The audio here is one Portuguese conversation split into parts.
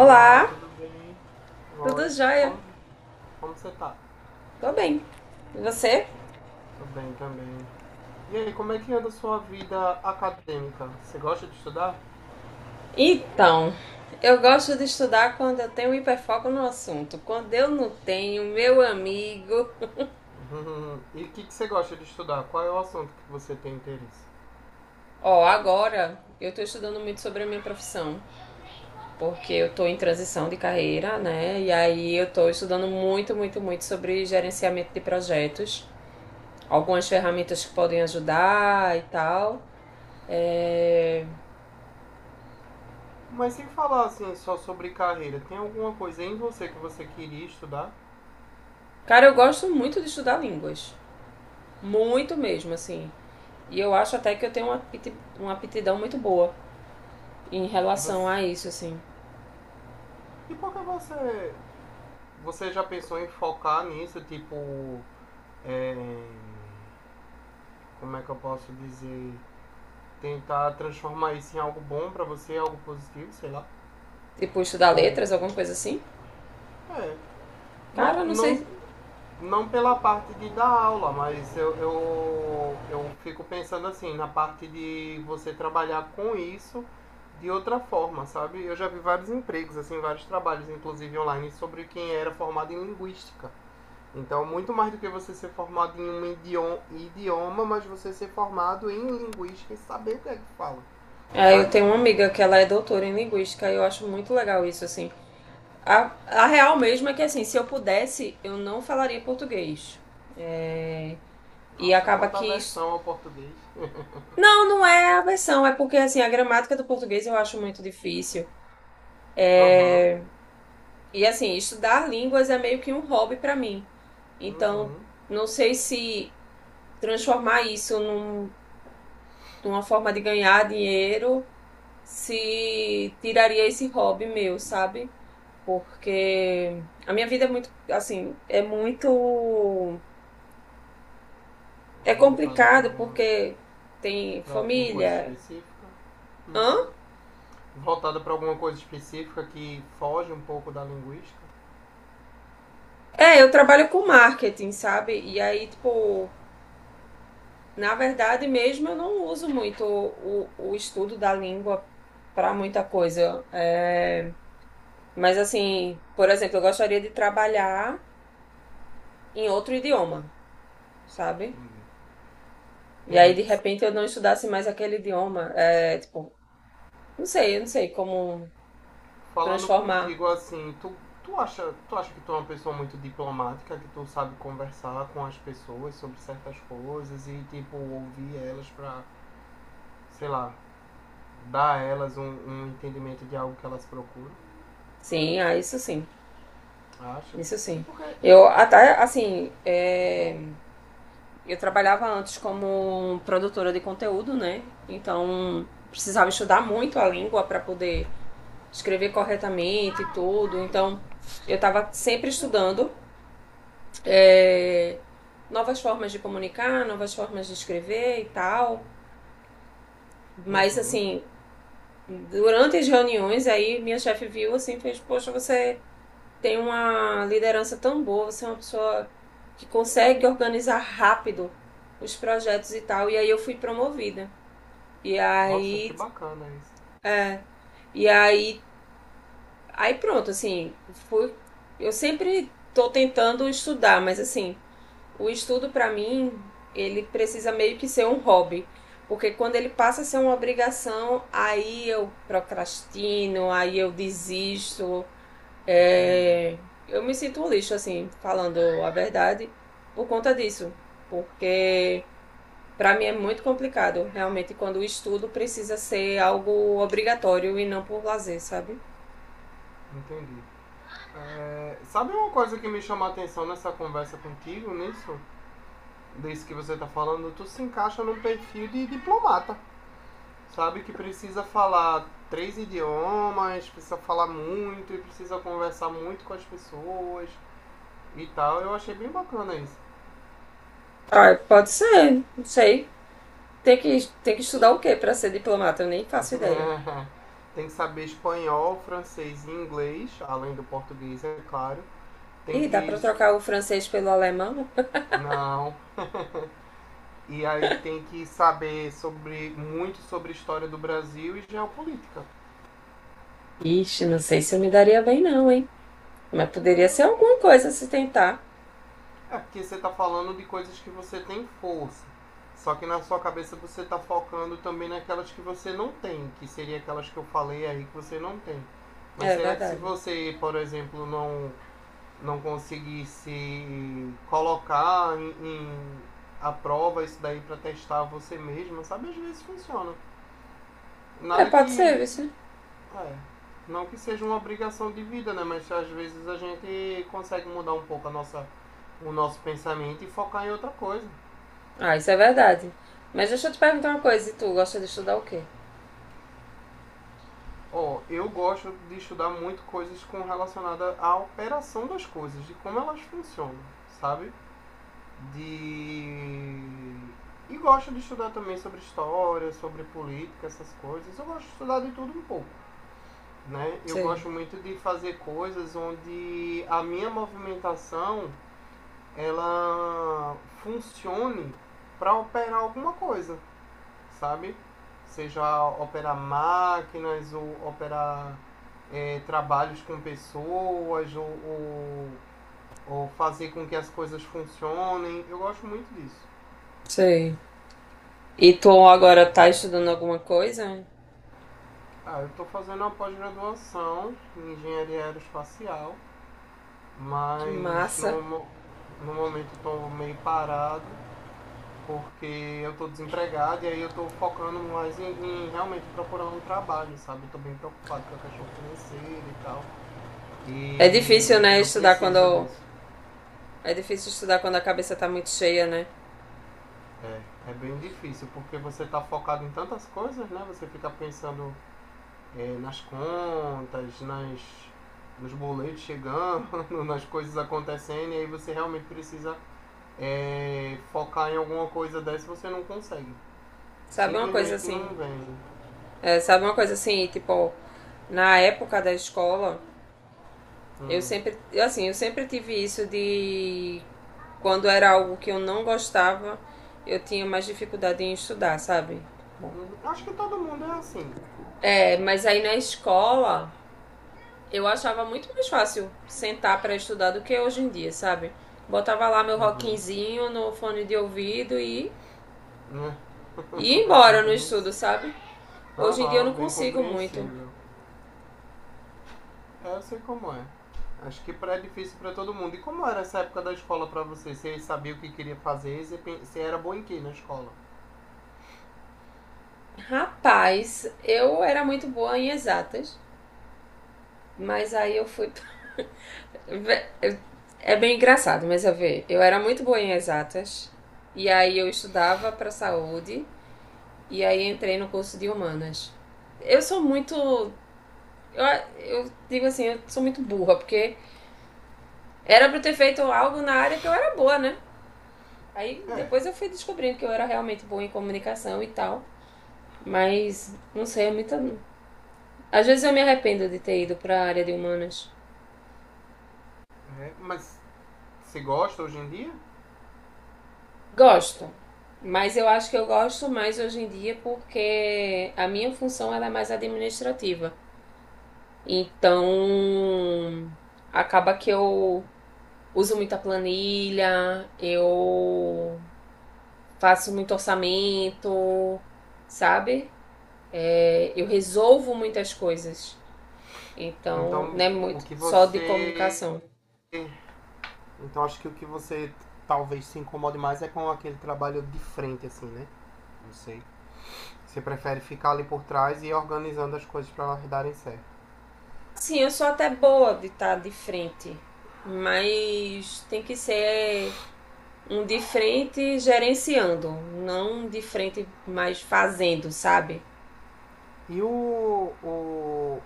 Olá, tudo bem? tudo Oi, jóia? como, como você tá? Tô bem. E você? Tô bem também. E aí, como é que anda a sua vida acadêmica? Você gosta de estudar? Então, eu gosto de estudar quando eu tenho um hiperfoco no assunto. Quando eu não tenho, meu amigo. Uhum. E o que você gosta de estudar? Qual é o assunto que você tem interesse? Agora eu tô estudando muito sobre a minha profissão, porque eu tô em transição de carreira, né? E aí eu tô estudando muito, muito, muito sobre gerenciamento de projetos, algumas ferramentas que podem ajudar e tal. É, Mas sem falar assim só sobre carreira, tem alguma coisa em você que você queria estudar? Cara, eu gosto muito de estudar línguas. Muito mesmo, assim. E eu acho até que eu tenho uma aptidão muito boa em E, relação você... a isso, assim. e por que você. Você já pensou em focar nisso? É, Como é que eu posso dizer? Tentar transformar isso em algo bom pra você, algo positivo, sei lá. Tipo, estudar Ou. letras, alguma coisa assim. É. Cara, Não, não não, sei. não pela parte de dar aula, mas eu fico pensando assim, na parte de você trabalhar com isso de outra forma, sabe? Eu já vi vários empregos, assim, vários trabalhos, inclusive online, sobre quem era formado em linguística. Então, muito mais do que você ser formado em um idioma mas você ser formado em linguística e saber o que é que fala, É, eu sabe? tenho uma amiga que ela é doutora em linguística e eu acho muito legal isso, assim. A real mesmo é que, assim, se eu pudesse, eu não falaria português. E Nossa, acaba quanta que aversão ao português. não, não é a versão, é porque, assim, a gramática do português eu acho muito difícil. Aham. E, assim, estudar línguas é meio que um hobby pra mim. Então, Uhum. não sei se transformar isso numa forma de ganhar dinheiro se tiraria esse hobby meu, sabe? Porque a minha vida é muito, assim, é muito. É Voltada para complicado uma porque tem para alguma coisa família. específica. Hã? Uhum. Voltada para alguma coisa específica que foge um pouco da linguística. É, eu trabalho com marketing, sabe? E aí, tipo, na verdade mesmo eu não uso muito o estudo da língua para muita coisa. É, mas assim, por exemplo, eu gostaria de trabalhar em outro idioma, sabe? Entendi. E aí, Entendi. de S- repente, eu não estudasse mais aquele idioma. É, tipo, não sei, eu não sei como Falando transformar. contigo assim, tu acha, tu acha que tu é uma pessoa muito diplomática, que tu sabe conversar com as pessoas sobre certas coisas e tipo ouvir elas pra, sei lá, dar a elas um, um entendimento de algo que elas procuram? Sim, ah, isso sim, Acha? isso E sim. por que Eu e até, assim, por- uhum. Eu trabalhava antes como produtora de conteúdo, né? Então, precisava estudar muito a língua para poder escrever corretamente e Ai, tudo. ai, Então, eu estava sempre desculpa. estudando é, novas formas de comunicar, novas formas de escrever e tal. Mas Uhum. assim, durante as reuniões, aí minha chefe viu assim, fez, poxa, você tem uma liderança tão boa, você é uma pessoa que consegue organizar rápido os projetos e tal. E aí eu fui promovida. E Nossa, que aí, bacana isso. e aí, pronto, assim, fui, eu sempre tô tentando estudar, mas assim, o estudo, para mim, ele precisa meio que ser um hobby. Porque quando ele passa a ser uma obrigação, aí eu procrastino, aí eu desisto. Entendi. Eu me sinto um lixo, assim, falando a verdade, por conta disso. Porque para mim é muito complicado, realmente, quando o estudo precisa ser algo obrigatório e não por lazer, sabe? Entendi. É, sabe uma coisa que me chamou a atenção nessa conversa contigo, nisso? Disso que você tá falando, tu se encaixa num perfil de diplomata, sabe? Que precisa falar três idiomas, precisa falar muito e precisa conversar muito com as pessoas e tal. Eu achei bem bacana isso. Ah, pode ser, não sei. Tem que estudar o quê para ser diplomata? Eu nem faço ideia. Tem que saber espanhol, francês e inglês, além do português, é claro. Tem Ih, dá que. pra trocar o francês pelo alemão? Não, e aí tem que saber sobre muito sobre a história do Brasil e geopolítica. Ixi, não sei se eu me daria bem não, hein? Mas poderia ser alguma coisa se tentar. É porque você tá falando de coisas que você tem força. Só que na sua cabeça você tá focando também naquelas que você não tem, que seria aquelas que eu falei aí que você não tem. É Mas será que se verdade. você, por exemplo, não conseguir se colocar em a prova isso daí para testar você mesmo, sabe? Às vezes funciona. É, Nada pode ser, que viu? É. Não que seja uma obrigação de vida, né? Mas às vezes a gente consegue mudar um pouco a o nosso pensamento e focar em outra coisa. Ah, isso é verdade. Mas deixa eu te perguntar uma coisa, e tu gosta de estudar o quê? Ó, eu gosto de estudar muito coisas com relacionada à operação das coisas, de como elas funcionam, sabe? De E gosto de estudar também sobre história, sobre política, essas coisas. Eu gosto de estudar de tudo um pouco, né? Eu Sei, gosto muito de fazer coisas onde a minha movimentação ela funcione para operar alguma coisa, sabe? Seja operar máquinas ou operar trabalhos com pessoas ou fazer com que as coisas funcionem. Eu gosto muito disso. sei. E tu agora tá estudando alguma coisa? Ah, eu estou fazendo uma pós-graduação em engenharia aeroespacial, Que mas massa. No momento estou meio parado porque eu tô desempregado e aí eu tô focando mais em realmente procurar um trabalho, sabe? Eu tô bem preocupado com a questão financeira e tal. É difícil, E aí né, eu estudar preciso quando disso. é difícil estudar quando a cabeça tá muito cheia, né? É bem difícil, porque você tá focado em tantas coisas, né? Você fica pensando nas contas, nos boletos chegando, nas coisas acontecendo, e aí você realmente precisa focar em alguma coisa dessa e você não consegue. Sabe uma coisa Simplesmente assim? não vem. É, sabe uma coisa assim, tipo, na época da escola, eu Hum, sempre, assim, eu sempre tive isso de quando era algo que eu não gostava, eu tinha mais dificuldade em estudar, sabe? Acho que todo mundo é assim. É, mas aí na escola, eu achava muito mais fácil sentar para estudar do que hoje em dia, sabe? Botava lá meu Uhum. rockinzinho no fone de ouvido e ia embora no estudo, Compreensi... sabe? Hoje em dia eu Aham, não bem consigo muito. compreensível. É, eu sei como é. Acho que pré é difícil pra todo mundo. E como era essa época da escola pra você? Você sabia o que queria fazer? Você era boa em quê na escola? Rapaz, eu era muito boa em exatas, mas aí eu fui Vé- é bem engraçado, mas eu era muito boa em exatas e aí eu estudava para saúde e aí entrei no curso de humanas. Eu sou muito eu, eu digo assim, eu sou muito burra, porque era para ter feito algo na área que eu era boa, né? Aí É, depois eu fui descobrindo que eu era realmente boa em comunicação e tal, mas não sei, é muita. Às vezes eu me arrependo de ter ido para a área de humanas. É, mas você gosta hoje em dia? Gosto, mas eu acho que eu gosto mais hoje em dia porque a minha função ela é mais administrativa. Então, acaba que eu uso muita planilha, eu faço muito orçamento, sabe? Eu resolvo muitas coisas. Então, Então, não é o muito que só de você. comunicação. Então, acho que o que você t- talvez se incomode mais é com aquele trabalho de frente, assim, né? Não sei. Você prefere ficar ali por trás e ir organizando as coisas pra elas darem certo. Sim, eu sou até boa de estar de frente, mas tem que ser um de frente gerenciando, não um de frente mais fazendo, sabe? E o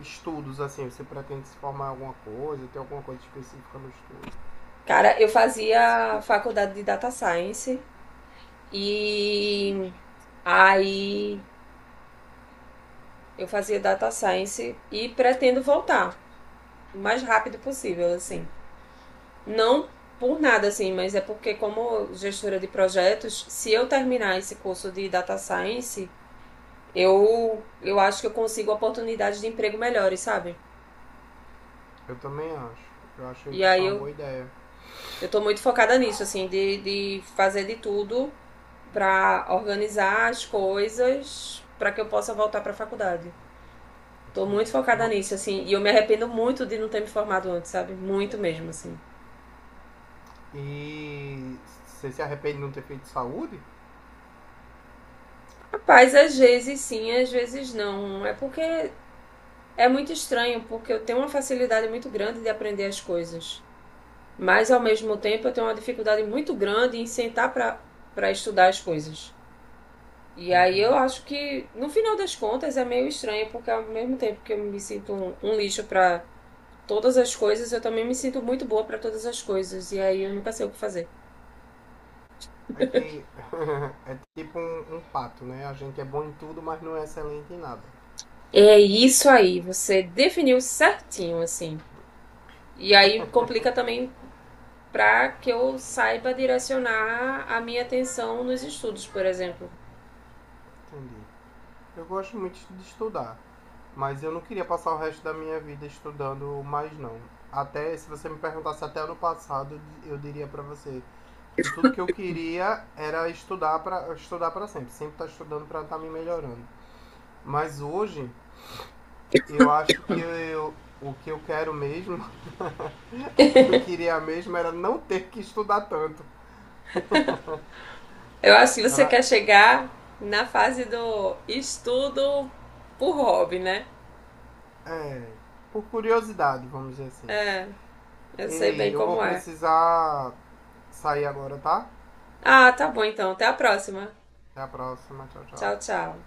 estudos, assim, você pretende se formar em alguma coisa, ter alguma coisa específica no estudo? Cara, eu fazia faculdade de data science e aí eu fazia data science e pretendo voltar o mais rápido possível, assim. Não por nada, assim, mas é porque como gestora de projetos, se eu terminar esse curso de data science, eu acho que eu consigo oportunidades de emprego melhores, sabe? Eu também acho. Eu achei E que aí foi uma boa ideia. eu tô muito focada nisso, assim, de fazer de tudo pra organizar as coisas pra que eu possa voltar pra faculdade. Tô Entendi. muito focada nisso, assim, e eu me arrependo muito de não ter me formado antes, sabe? Muito mesmo, assim. E você se arrepende de não ter feito saúde? Rapaz, às vezes sim, às vezes não. É porque é muito estranho, porque eu tenho uma facilidade muito grande de aprender as coisas. Mas ao mesmo tempo eu tenho uma dificuldade muito grande em sentar pra estudar as coisas. E aí eu Uhum. acho que, no final das contas, é meio estranho, porque ao mesmo tempo que eu me sinto um lixo pra todas as coisas, eu também me sinto muito boa pra todas as coisas. E aí eu nunca sei o que fazer. É que é tipo um pato, né? A gente é bom em tudo, mas não é excelente em nada. É isso aí, você definiu certinho, assim. E aí complica também pra que eu saiba direcionar a minha atenção nos estudos, por exemplo. Entendi. Eu gosto muito de estudar. Mas eu não queria passar o resto da minha vida estudando mais, não. Até se você me perguntasse até ano passado, eu diria pra você que tudo que eu queria era estudar para estudar para sempre, sempre estar estudando para estar me melhorando. Mas hoje eu acho que eu, o que eu quero mesmo, o que eu queria mesmo era não ter que estudar tanto. Eu acho que você Era quer chegar na fase do estudo por hobby, né? É, por curiosidade, vamos dizer assim. É, eu sei Ei, bem eu vou como é. precisar sair agora, tá? Ah, tá bom então. Até a próxima. Até a próxima, tchau, tchau. Tchau, tchau.